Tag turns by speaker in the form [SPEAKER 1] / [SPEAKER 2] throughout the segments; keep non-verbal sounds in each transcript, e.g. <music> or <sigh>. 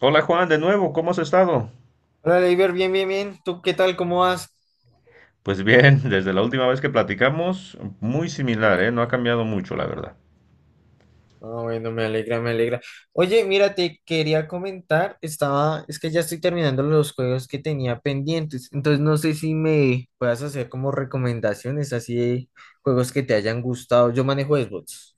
[SPEAKER 1] Hola Juan, de nuevo, ¿cómo has estado?
[SPEAKER 2] Hola, Leiber, bien, bien, bien. ¿Tú qué tal? ¿Cómo vas?
[SPEAKER 1] Pues bien, <laughs> desde la última vez que platicamos, muy similar, ¿eh? No ha cambiado mucho, la verdad.
[SPEAKER 2] Ah, bueno, me alegra, me alegra. Oye, mira, te quería comentar, estaba, es que ya estoy terminando los juegos que tenía pendientes, entonces no sé si me puedas hacer como recomendaciones así de juegos que te hayan gustado. Yo manejo Xbox,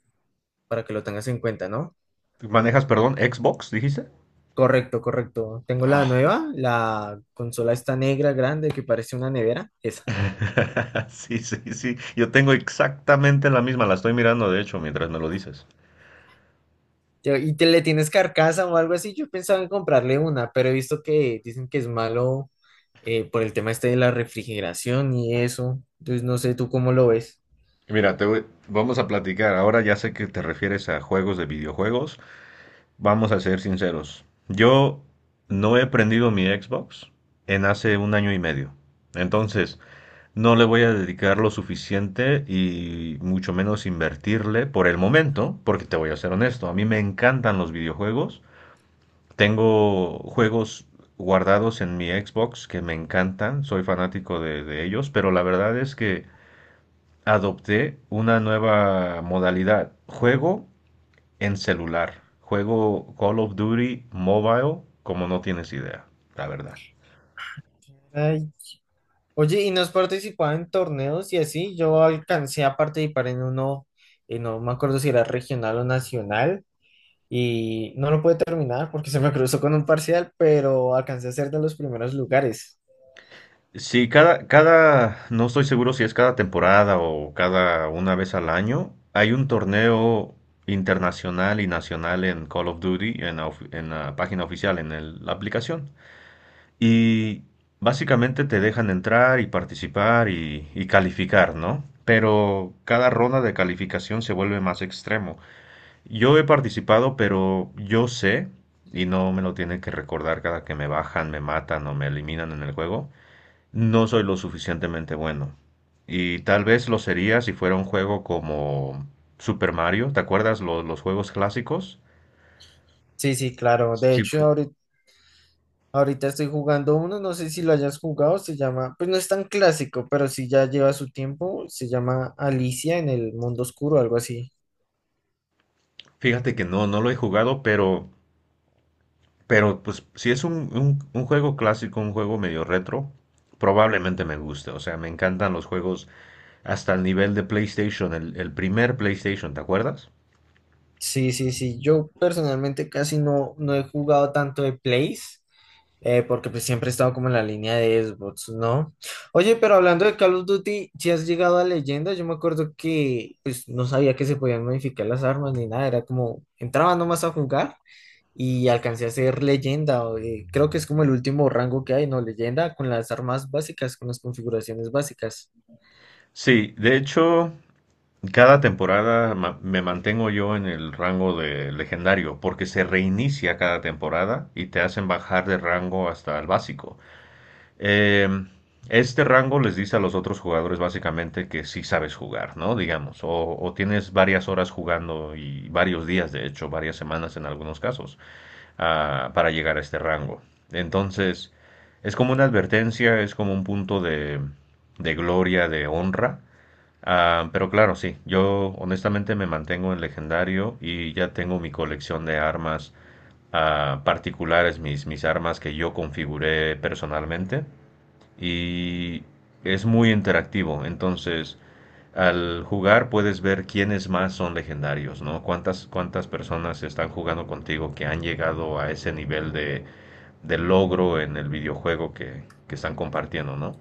[SPEAKER 2] para que lo tengas en cuenta, ¿no?
[SPEAKER 1] ¿Tú Manejas, Xbox, dijiste?
[SPEAKER 2] Correcto, correcto. Tengo la
[SPEAKER 1] Ah,
[SPEAKER 2] nueva, la consola esta negra grande que parece una nevera, esa.
[SPEAKER 1] <laughs> sí, sí, sí. Yo tengo exactamente la misma, la estoy mirando, de hecho, mientras me lo dices.
[SPEAKER 2] ¿Y te le tienes carcasa o algo así? Yo pensaba en comprarle una, pero he visto que dicen que es malo por el tema este de la refrigeración y eso. Entonces no sé tú cómo lo ves.
[SPEAKER 1] Mira, vamos a platicar. Ahora ya sé que te refieres a juegos de videojuegos. Vamos a ser sinceros. Yo no he prendido mi Xbox en hace un año y medio. Entonces, no le voy a dedicar lo suficiente y mucho menos invertirle por el momento, porque te voy a ser honesto, a mí me encantan los videojuegos. Tengo juegos guardados en mi Xbox que me encantan, soy fanático de ellos, pero la verdad es que adopté una nueva modalidad. Juego en celular. Juego Call of Duty Mobile como no tienes idea, la verdad.
[SPEAKER 2] Ay. Oye, ¿y no has participado en torneos y así? Yo alcancé a participar en uno, no me acuerdo si era regional o nacional, y no lo pude terminar porque se me cruzó con un parcial, pero alcancé a ser de los primeros lugares.
[SPEAKER 1] Sí, cada, no estoy seguro si es cada temporada o cada una vez al año, hay un torneo internacional y nacional en Call of Duty, en en la página oficial, en la aplicación. Y básicamente te dejan entrar y participar y calificar, ¿no? Pero cada ronda de calificación se vuelve más extremo. Yo he participado, pero yo sé, y no me lo tienen que recordar cada que me bajan, me matan o me eliminan en el juego, no soy lo suficientemente bueno. Y tal vez lo sería si fuera un juego como Super Mario, ¿te acuerdas los juegos clásicos?
[SPEAKER 2] Sí, sí, claro. De
[SPEAKER 1] Sí,
[SPEAKER 2] hecho, ahorita Ahorita estoy jugando uno, no sé si lo hayas jugado, se llama, pues no es tan clásico, pero sí ya lleva su tiempo, se llama Alicia en el mundo oscuro, algo así.
[SPEAKER 1] fíjate que no, no lo he jugado, pero pues si es un juego clásico, un juego medio retro, probablemente me guste. O sea, me encantan los juegos hasta el nivel de PlayStation, el primer PlayStation, ¿te acuerdas?
[SPEAKER 2] Sí, sí, sí, yo personalmente casi no, no he jugado tanto de Plays, porque pues siempre he estado como en la línea de Xbox, ¿no? Oye, pero hablando de Call of Duty, si has llegado a Leyenda, yo me acuerdo que pues no sabía que se podían modificar las armas ni nada, era como, entraba nomás a jugar y alcancé a ser leyenda. O, creo que es como el último rango que hay, ¿no? Leyenda con las armas básicas, con las configuraciones básicas.
[SPEAKER 1] Sí, de hecho, cada temporada me mantengo yo en el rango de legendario, porque se reinicia cada temporada y te hacen bajar de rango hasta el básico. Eh, este rango les dice a los otros jugadores básicamente que sí sabes jugar, ¿no? Digamos, o tienes varias horas jugando y varios días, de hecho, varias semanas en algunos casos, para llegar a este rango. Entonces, es como una advertencia, es como un punto de gloria, de honra. Ah, pero claro, sí, yo honestamente me mantengo en legendario y ya tengo mi colección de armas, particulares, mis armas que yo configuré personalmente y es muy interactivo, entonces al jugar puedes ver quiénes más son legendarios, ¿no? Cuántas personas están jugando contigo que han llegado a ese nivel de logro en el videojuego que están compartiendo, ¿no?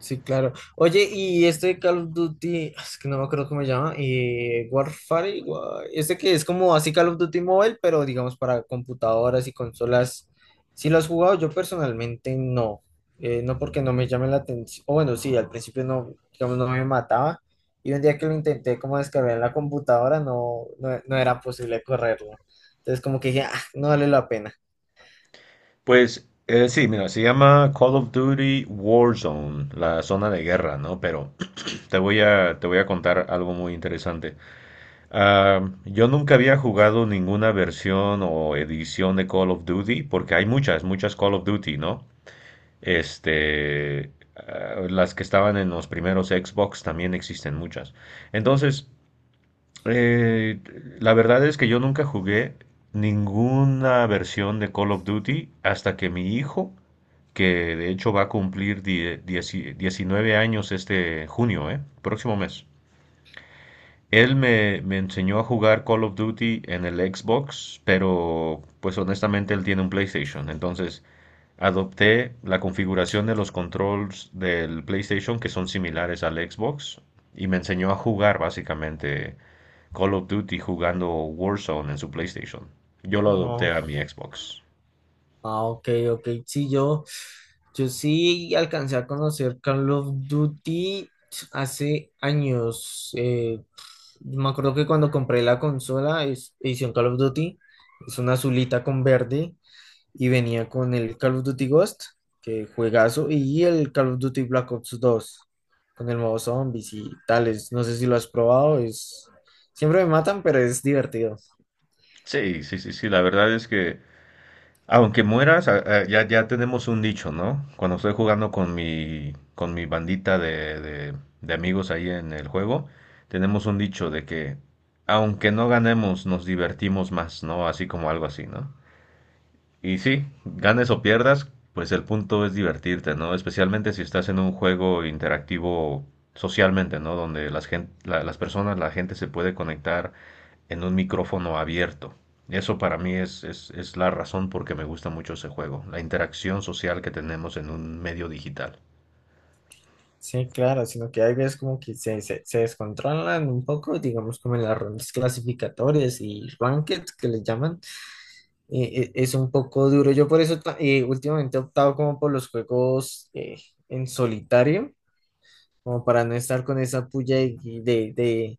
[SPEAKER 2] Sí, claro. Oye, y este Call of Duty, ah, es que no me acuerdo cómo se llama, Warfare, este que es como así Call of Duty Mobile, pero digamos para computadoras y consolas, ¿si lo has jugado? Yo personalmente no. No porque no me llame la atención, o bueno, sí, al principio no, digamos, no me mataba, y un día que lo intenté como descargar en la computadora, no, no, no era posible correrlo, entonces como que dije, ah, no vale la pena.
[SPEAKER 1] Pues sí, mira, se llama Call of Duty Warzone, la zona de guerra, ¿no? Pero <clears throat> te voy a contar algo muy interesante. Yo nunca había jugado ninguna versión o edición de Call of Duty, porque hay muchas, muchas Call of Duty, ¿no? Este, las que estaban en los primeros Xbox también existen muchas. Entonces, eh, la verdad es que yo nunca jugué ninguna versión de Call of Duty hasta que mi hijo, que de hecho va a cumplir 19 años este junio, ¿eh? Próximo mes. Él me enseñó a jugar Call of Duty en el Xbox, pero pues honestamente él tiene un PlayStation. Entonces adopté la configuración de los controls del PlayStation que son similares al Xbox y me enseñó a jugar básicamente Call of Duty jugando Warzone en su PlayStation. Yo lo adopté
[SPEAKER 2] No.
[SPEAKER 1] a mi Xbox.
[SPEAKER 2] Ah, ok, ok. Sí, yo sí alcancé a conocer Call of Duty hace años. Me acuerdo que cuando compré la consola, edición Call of Duty, es una azulita con verde y venía con el Call of Duty Ghost, que juegazo, y el Call of Duty Black Ops 2, con el modo zombies y tales. No sé si lo has probado, es... Siempre me matan, pero es divertido.
[SPEAKER 1] Sí, sí, sí, sí. La verdad es que aunque mueras, ya, ya tenemos un dicho, ¿no? Cuando estoy jugando con mi bandita de amigos ahí en el juego, tenemos un dicho de que aunque no ganemos, nos divertimos más, ¿no? Así como algo así, ¿no? Y sí, ganes o pierdas, pues el punto es divertirte, ¿no? Especialmente si estás en un juego interactivo socialmente, ¿no? Donde las las personas, la gente se puede conectar en un micrófono abierto. Eso para mí es la razón por que me gusta mucho ese juego, la interacción social que tenemos en un medio digital.
[SPEAKER 2] Sí, claro, sino que hay veces como que se descontrolan un poco, digamos como en las rondas clasificatorias y rankings que le llaman, es un poco duro. Yo por eso últimamente he optado como por los juegos en solitario, como para no estar con esa puya de, de,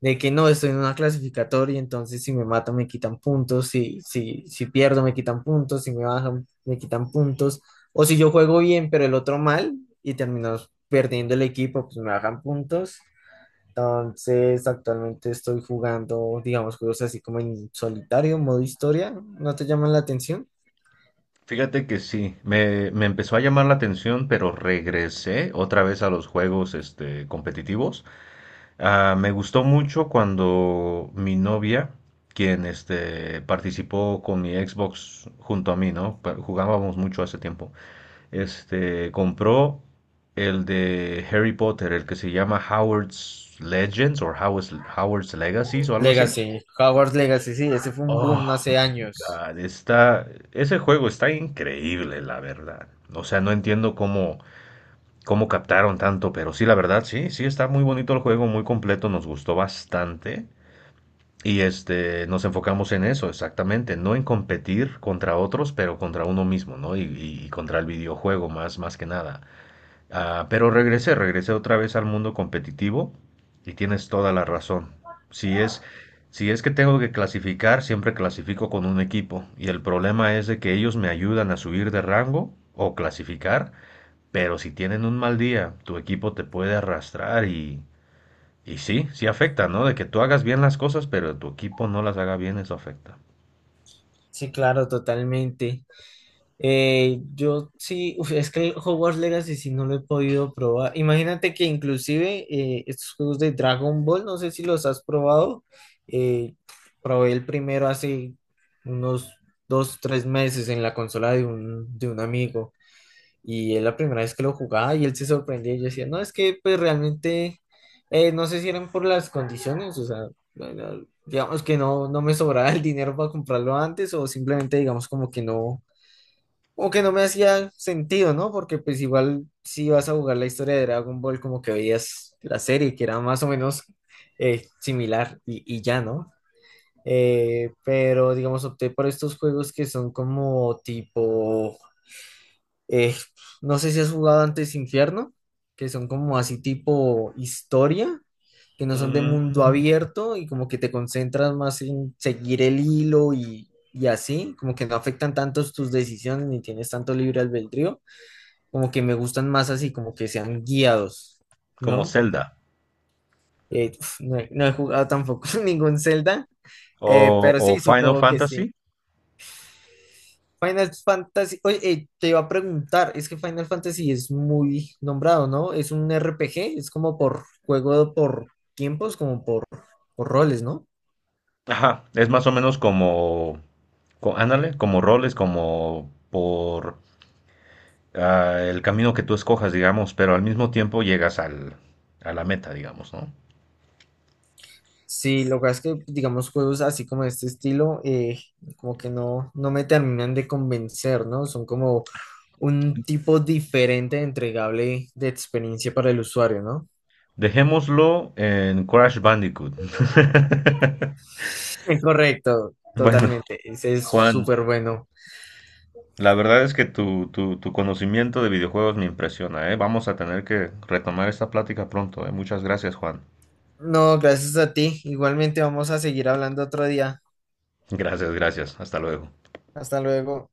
[SPEAKER 2] de que no estoy en una clasificatoria, entonces si me matan me quitan puntos, si pierdo me quitan puntos, si me bajan me quitan puntos, o si yo juego bien pero el otro mal y termino perdiendo el equipo, pues me bajan puntos. Entonces actualmente estoy jugando, digamos, juegos así como en solitario, modo historia, ¿no te llaman la atención?
[SPEAKER 1] Fíjate que sí, me empezó a llamar la atención, pero regresé otra vez a los juegos este, competitivos. Ah, me gustó mucho cuando mi novia, quien este, participó con mi Xbox junto a mí, ¿no? Jugábamos mucho hace tiempo. Este, compró el de Harry Potter, el que se llama Howard's Legends o Howard's Legacies o algo así.
[SPEAKER 2] Legacy, Hogwarts Legacy, sí, ese fue un
[SPEAKER 1] Oh,
[SPEAKER 2] boom hace años.
[SPEAKER 1] God, ese juego está increíble, la verdad. O sea, no entiendo cómo captaron tanto, pero sí, la verdad, sí, sí está muy bonito el juego, muy completo, nos gustó bastante. Y este, nos enfocamos en eso, exactamente, no en competir contra otros, pero contra uno mismo, ¿no? Contra el videojuego más, más que nada. Ah, pero regresé otra vez al mundo competitivo y tienes toda la razón. Si es, si es que tengo que clasificar, siempre clasifico con un equipo. Y el problema es de que ellos me ayudan a subir de rango o clasificar, pero si tienen un mal día, tu equipo te puede arrastrar y sí, sí afecta, ¿no? De que tú hagas bien las cosas, pero tu equipo no las haga bien, eso afecta.
[SPEAKER 2] Sí, claro, totalmente. Yo sí, uf, es que el Hogwarts Legacy sí no lo he podido probar. Imagínate que inclusive estos juegos de Dragon Ball, no sé si los has probado. eh, Probé el primero hace unos dos, tres meses en la consola de de un amigo y es la primera vez que lo jugaba y él se sorprendía y yo decía, no, es que pues realmente no sé si eran por las condiciones, o sea, bueno, digamos que no, no me sobraba el dinero para comprarlo antes o simplemente digamos como que no. Como que no me hacía sentido, ¿no? Porque pues igual si vas a jugar la historia de Dragon Ball, como que veías la serie, que era más o menos similar y ya, ¿no? Pero digamos, opté por estos juegos que son como tipo eh, no sé si has jugado antes Infierno, que son como así tipo historia, que no son de
[SPEAKER 1] Mm,
[SPEAKER 2] mundo abierto y como que te concentras más en seguir el hilo y así, como que no afectan tantos tus decisiones ni tienes tanto libre albedrío, como que me gustan más así, como que sean guiados,
[SPEAKER 1] como
[SPEAKER 2] ¿no?
[SPEAKER 1] Zelda
[SPEAKER 2] Uf, no he jugado tampoco <laughs> ningún Zelda, pero
[SPEAKER 1] o
[SPEAKER 2] sí,
[SPEAKER 1] Final
[SPEAKER 2] supongo que sí.
[SPEAKER 1] Fantasy.
[SPEAKER 2] Final Fantasy, oye, te iba a preguntar, es que Final Fantasy es muy nombrado, ¿no? Es un RPG, es como por juego por tiempos, como por roles, ¿no?
[SPEAKER 1] Ajá, es más o menos como, ándale, como roles, como por el camino que tú escojas, digamos, pero al mismo tiempo llegas a la meta, digamos, ¿no?
[SPEAKER 2] Sí, lo que pasa es que, digamos, juegos así como de este estilo, como que no, no me terminan de convencer, ¿no? Son como un tipo diferente de entregable de experiencia para el usuario, ¿no?
[SPEAKER 1] Dejémoslo en Crash Bandicoot. <laughs>
[SPEAKER 2] <laughs> Correcto,
[SPEAKER 1] Bueno,
[SPEAKER 2] totalmente. Ese es
[SPEAKER 1] Juan.
[SPEAKER 2] súper bueno.
[SPEAKER 1] La verdad es que tu conocimiento de videojuegos me impresiona, ¿eh? Vamos a tener que retomar esta plática pronto, ¿eh? Muchas gracias, Juan.
[SPEAKER 2] No, gracias a ti. Igualmente vamos a seguir hablando otro día.
[SPEAKER 1] Gracias, gracias. Hasta luego.
[SPEAKER 2] Hasta luego.